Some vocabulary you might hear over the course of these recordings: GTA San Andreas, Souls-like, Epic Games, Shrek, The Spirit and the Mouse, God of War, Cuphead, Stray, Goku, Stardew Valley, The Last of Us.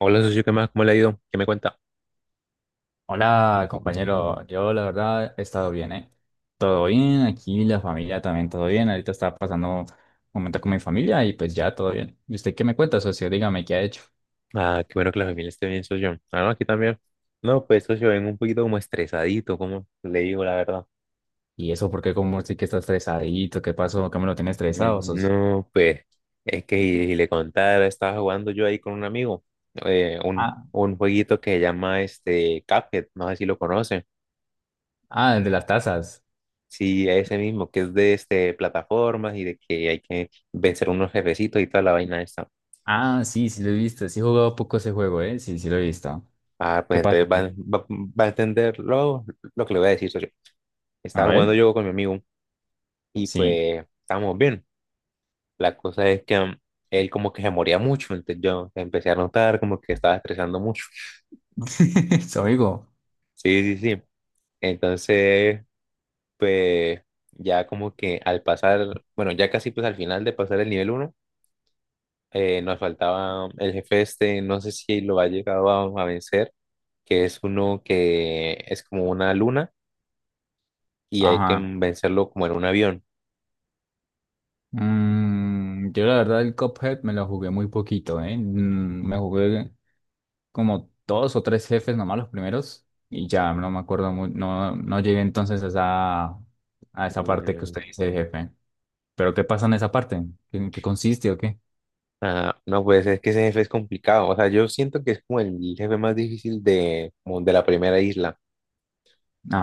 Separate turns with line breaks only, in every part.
Hola, socio, ¿qué más? ¿Cómo le ha ido? ¿Qué me cuenta?
Hola, compañero. Yo, la verdad, he estado bien, ¿eh? Todo bien, aquí la familia también todo bien. Ahorita estaba pasando un momento con mi familia y pues ya todo bien. ¿Y usted qué me cuenta, socio? Dígame qué ha hecho.
Ah, qué bueno que la familia esté bien, socio. Ah, no, aquí también. No, pues, socio, vengo un poquito como estresadito, como le digo la verdad.
¿Y eso por qué como sí que está estresadito? ¿Qué pasó? ¿Qué me lo tiene estresado, socio?
No, pues, es que y le contara, estaba jugando yo ahí con un amigo, un,
Ah,
un jueguito que se llama este Cuphead, no sé si lo conocen.
ah, el de las tazas.
Sí, ese mismo, que es de este plataformas y de que hay que vencer unos jefecitos y toda la vaina esta.
Ah, sí, sí lo he visto. Sí he jugado poco ese juego, ¿eh? Sí, sí lo he visto.
Ah, pues
¿Qué pasa?
entonces va a entender lo que le voy a decir, socio.
A
Estaba jugando
ver.
yo con mi amigo y
Sí.
pues estábamos bien. La cosa es que él como que se moría mucho, entonces yo empecé a notar como que estaba estresando mucho.
Su amigo.
Sí, sí, sí. Entonces, pues ya como que al pasar, bueno, ya casi pues al final de pasar el nivel 1, nos faltaba el jefe este, no sé si lo ha llegado a vencer, que es uno que es como una luna y hay que
Ajá.
vencerlo como en un avión.
Yo la verdad el Cuphead me lo jugué muy poquito, ¿eh? Me jugué como dos o tres jefes nomás los primeros y ya no me acuerdo muy, no, no llegué entonces a esa parte que
Mm,
usted dice de jefe. ¿Pero qué pasa en esa parte? ¿En qué consiste o qué?
Ah, no, pues es que ese jefe es complicado. O sea, yo siento que es como el jefe más difícil de, como de la primera isla.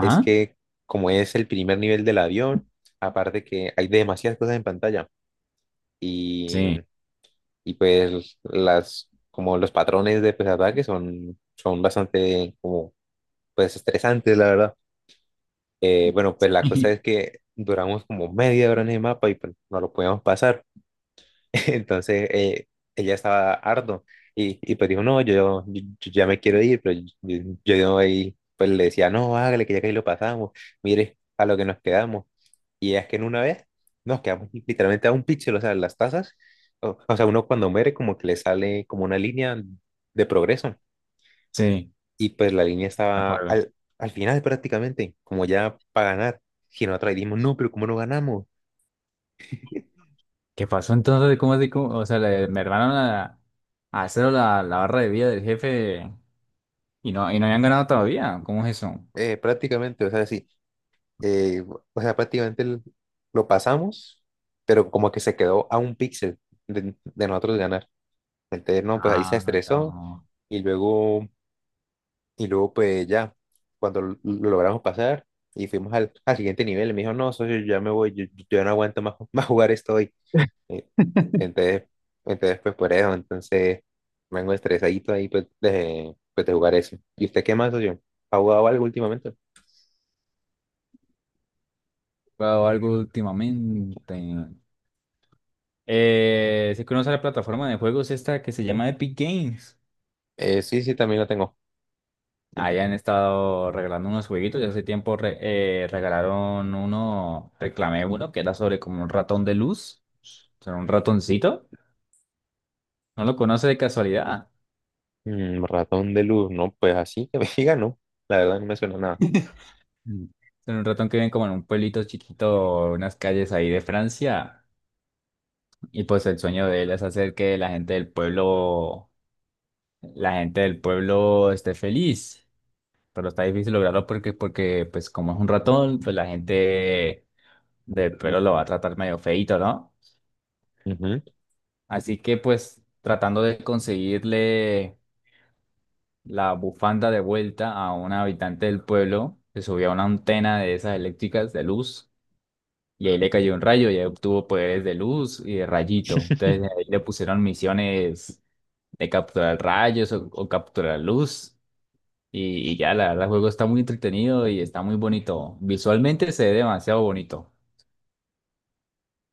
Es que como es el primer nivel del avión, aparte que hay demasiadas cosas en pantalla y,
sí,
y pues las, como los patrones de pues, ataque son, son bastante como pues estresantes, la verdad. Bueno, pues la cosa es que duramos como media hora en el mapa y pues, no lo podíamos pasar. Entonces ella estaba harto y pues dijo, no, yo ya me quiero ir, pero yo ahí pues le decía, no, hágale que ya que ahí lo pasamos, mire a lo que nos quedamos. Y es que en una vez nos quedamos literalmente a un píxel, o sea, las tazas, o sea, uno cuando muere como que le sale como una línea de progreso
sí,
y pues la línea
me
estaba
acuerdo.
al final prácticamente, como ya para ganar, si nosotros dijimos, no, pero ¿cómo no ganamos?
¿Qué pasó entonces? ¿Cómo así? ¿Cómo? O sea, me hermanaron a cero la barra de vida del jefe y no habían ganado todavía. ¿Cómo es eso?
Prácticamente, o sea, sí eh, o sea, prácticamente lo pasamos, pero como que se quedó a un píxel de nosotros ganar. Entonces, no, pues ahí se
Ah, no, está.
estresó y luego, y luego pues ya, cuando lo logramos pasar y fuimos al, al siguiente nivel, me dijo, no, socio, yo ya me voy, yo no aguanto más, más jugar esto hoy. Eh, entonces, entonces, pues por eso, entonces, vengo estresadito ahí pues, de jugar eso. ¿Y usted qué más, socio? ¿Ha jugado algo últimamente?
Jugado algo últimamente. Si conoce la plataforma de juegos esta que se llama Epic Games.
Sí, sí, también lo tengo.
Ahí han estado regalando unos jueguitos. Ya hace tiempo regalaron uno, reclamé uno, que era sobre como un ratón de luz. O sea, un ratoncito. No lo conoce de casualidad.
Mm, ratón de luz, no, pues así que me diga, no, la verdad no me suena nada.
Mm. Son un ratón que vive como en un pueblito chiquito, unas calles ahí de Francia. Y pues el sueño de él es hacer que la gente del pueblo, la gente del pueblo esté feliz, pero está difícil lograrlo porque pues como es un ratón, pues la gente del pelo lo va a tratar medio feíto, ¿no?
Ujú.
Así que pues tratando de conseguirle la bufanda de vuelta a un habitante del pueblo, se subió a una antena de esas eléctricas de luz y ahí le cayó un rayo y ahí obtuvo poderes de luz y de rayito. Entonces ahí le pusieron misiones de capturar rayos o capturar luz. Y ya, la verdad, el juego está muy entretenido y está muy bonito. Visualmente se ve demasiado bonito.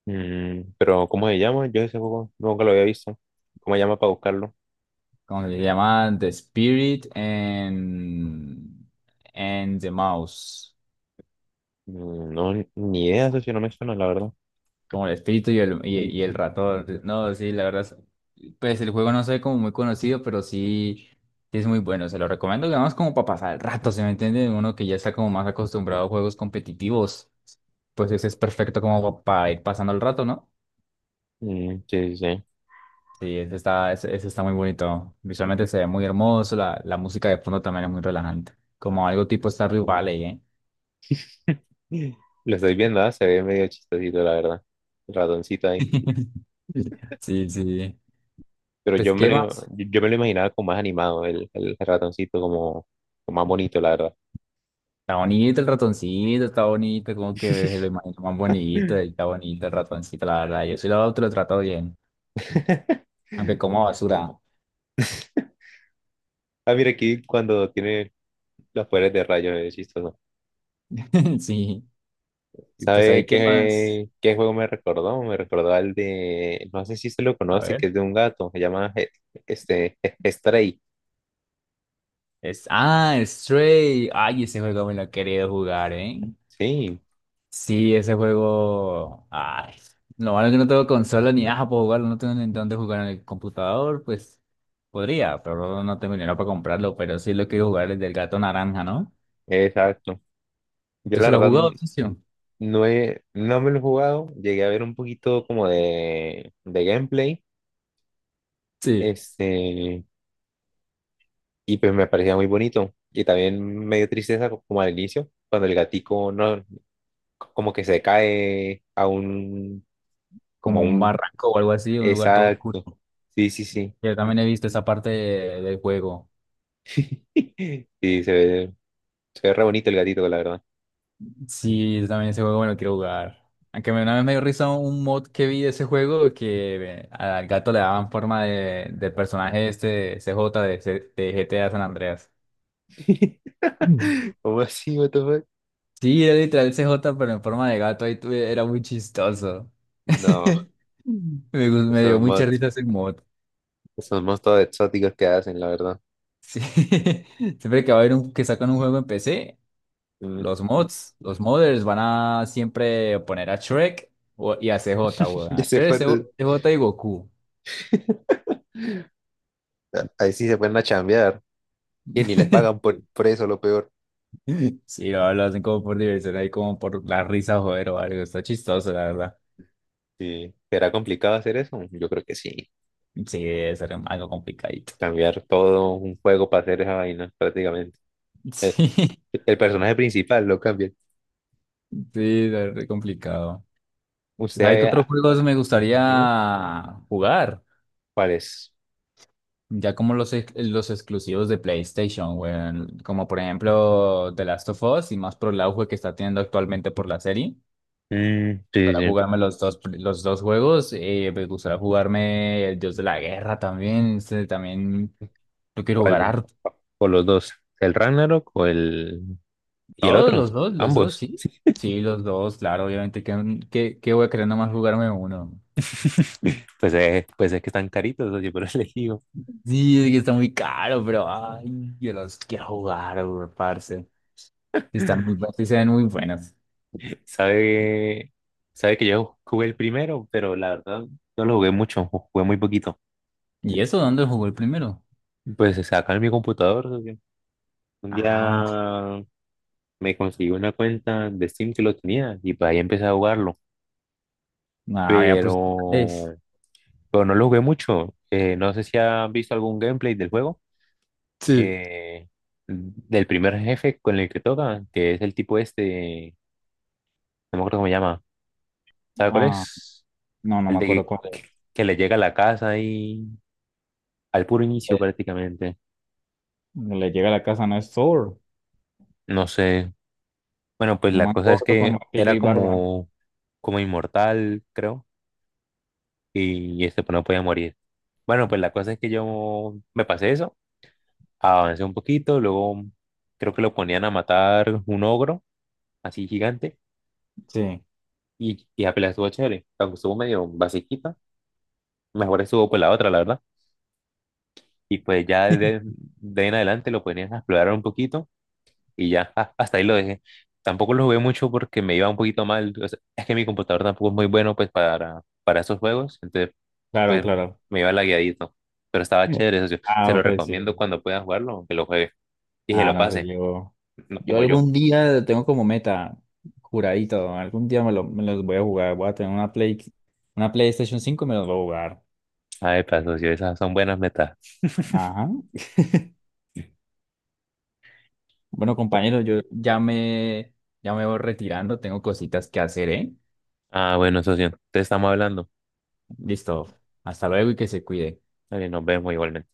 Mm, pero ¿cómo se llama? Yo ese juego nunca lo había visto. ¿Cómo se llama para buscarlo?
Como se llama The Spirit and the Mouse.
Mm, no, ni idea, eso sí no me suena, la verdad.
Como el espíritu y el ratón. No, sí, la verdad. Pues el juego no se ve como muy conocido, pero sí, sí es muy bueno. Se lo recomiendo, digamos, como para pasar el rato, ¿se me entiende? Uno que ya está como más acostumbrado a juegos competitivos, pues ese es perfecto como para ir pasando el rato, ¿no?
Mm, sí, sí,
Sí, ese está muy bonito. Visualmente se ve muy hermoso, la música de fondo también es muy relajante. Como algo tipo Stardew Valley, ¿eh?
sí. Lo estoy viendo, ah, se ve medio chistosito, la verdad. El ratoncito ahí.
Sí, sí.
Pero
Pues,
yo me
¿qué
lo,
más?
yo me lo imaginaba como más animado, el ratoncito como, como más bonito, la verdad.
Está bonito el ratoncito, está bonito, como que se lo imagino más bonito, está bonito el ratoncito, la verdad. Yo sí te lo trato bien, aunque como basura.
Ah, mira aquí cuando tiene los poderes de rayos, es chistoso.
Sí. Y pues
¿Sabe
ahí, ¿qué más?
qué, qué juego me recordó? Me recordó al de, no sé si se lo
A
conoce, que
ver.
es de un gato, se llama Stray.
Es, Stray. Ay, ese juego me lo he querido jugar, ¿eh?
Sí,
Sí, ese juego. Ay, lo malo es que no tengo consola ni nada para jugarlo, no tengo ni dónde jugar en el computador, pues podría, pero no tengo dinero para comprarlo. Pero sí lo quiero jugar, el del gato naranja, ¿no?
exacto. Yo
¿Usted
la
se lo ha
verdad
jugado, socio?
no he, no me lo he jugado, llegué a ver un poquito como de gameplay,
Sí,
este, y pues me parecía muy bonito. Y también me dio tristeza como al inicio, cuando el gatico no, como que se cae a un, como
como
a
un
un,
barranco o algo así, un lugar todo oscuro.
exacto. Sí, sí, sí.
Yo también he visto esa parte del juego.
Sí, se ve, se ve re bonito el gatito, la verdad.
Sí, yo también ese juego me lo quiero jugar. Una vez me dio risa un mod que vi de ese juego que al gato le daban forma del personaje este de C J de GTA San Andreas. Mm.
¿Cómo así, what the fuck?
Sí, era literal C J, pero en forma de gato, era muy chistoso.
No,
Me dio
esos
mucha
mods,
risa ese mod.
esos mods todos exóticos que hacen, la verdad.
Sí. Siempre que va a haber que sacan un juego en PC,
Mm,
los mods, los modders van a siempre poner a Shrek y a CJ, weón.
ya
A
se
Shrek,
fue.
CJ CJ y Goku.
Ahí sí se pueden a chambear. Y ni les pagan por eso, lo peor.
Sí, sí, lo hacen como por diversión, ahí como por la risa, joder, o algo. Está chistoso, la verdad.
Sí. ¿Será complicado hacer eso? Yo creo que sí.
Sí, debe ser algo complicadito.
Cambiar todo un juego para hacer esa vaina, prácticamente. El,
Sí, sí,
el personaje principal lo cambia.
debe ser complicado. ¿Sabe qué
Usted,
otros juegos me
dime,
gustaría jugar?
¿cuál es?
Ya como los exclusivos de PlayStation, weón. Como por ejemplo The Last of Us y más por el auge que está teniendo actualmente por la serie. Me
Mm, sí,
gustaría
sí.
jugarme los dos juegos. Me gustaría jugarme el Dios de la Guerra también. También yo quiero jugar
¿Cuál?
harto.
¿O los dos? ¿El Ragnarok o el... y el
Todos
otro?
los dos,
Ambos.
sí.
Sí.
Sí, los dos, claro, obviamente. ¿Qué, qué, qué voy a querer nomás jugarme uno?
Pues, pues es que están caritos, oye, pero elegido.
Sí, es que está muy caro, pero ay, yo los quiero jugar, weón, parce. Sí, están muy buenas, sí se ven muy buenas.
Sabe, sabe que yo jugué el primero, pero la verdad no lo jugué mucho, jugué muy poquito.
¿Y eso dónde jugó el primero?
Pues se acá en mi computador, oye, un
Ah,
día me conseguí una cuenta de Steam que lo tenía y pues ahí empecé a jugarlo,
ah, ya pues irlandés.
pero, pero no lo jugué mucho. No sé si has visto algún gameplay del juego.
Sí.
eh, del primer jefe con el que toca, que es el tipo este, no me acuerdo cómo se llama, ¿sabe cuál
Ah,
es?
no, no
El
me
de
acuerdo
que,
cuál es.
que le llega a la casa y al puro inicio
Eh,
prácticamente,
le llega a la casa, no es Thor.
no sé. Bueno, pues
Un
la
man
cosa es
gordo con
que
martillo
era
y barba.
como, como inmortal, creo, y este pues no podía morir. Bueno, pues la cosa es que yo me pasé eso, avancé un poquito, luego creo que lo ponían a matar un ogro, así gigante,
Sí,
y apenas estuvo chévere, aunque estuvo medio basiquita, mejor estuvo por la otra, la verdad. Y pues ya de ahí en adelante lo ponían a explorar un poquito y ya hasta ahí lo dejé. Tampoco lo jugué mucho porque me iba un poquito mal. O sea, es que mi computador tampoco es muy bueno pues para esos juegos, entonces
claro,
pues
claro.
me iba lagueadito. Pero estaba
Mm.
chévere, socio. Se
Ah,
lo
pues sí.
recomiendo cuando pueda jugarlo, aunque lo juegue y se
Ah,
lo
no sé,
pase,
yo.
no
Yo
como yo.
algún día tengo como meta, juradito, algún día me los voy a jugar. Voy a tener una Play, Una PlayStation 5 y me los voy a jugar.
Ay, pues, socio, esas son buenas metas.
Ajá. Bueno, compañero, ya me voy retirando, tengo cositas que hacer, ¿eh?
Ah, bueno, socio, te estamos hablando.
Listo, hasta luego y que se cuide.
Dale, nos vemos igualmente.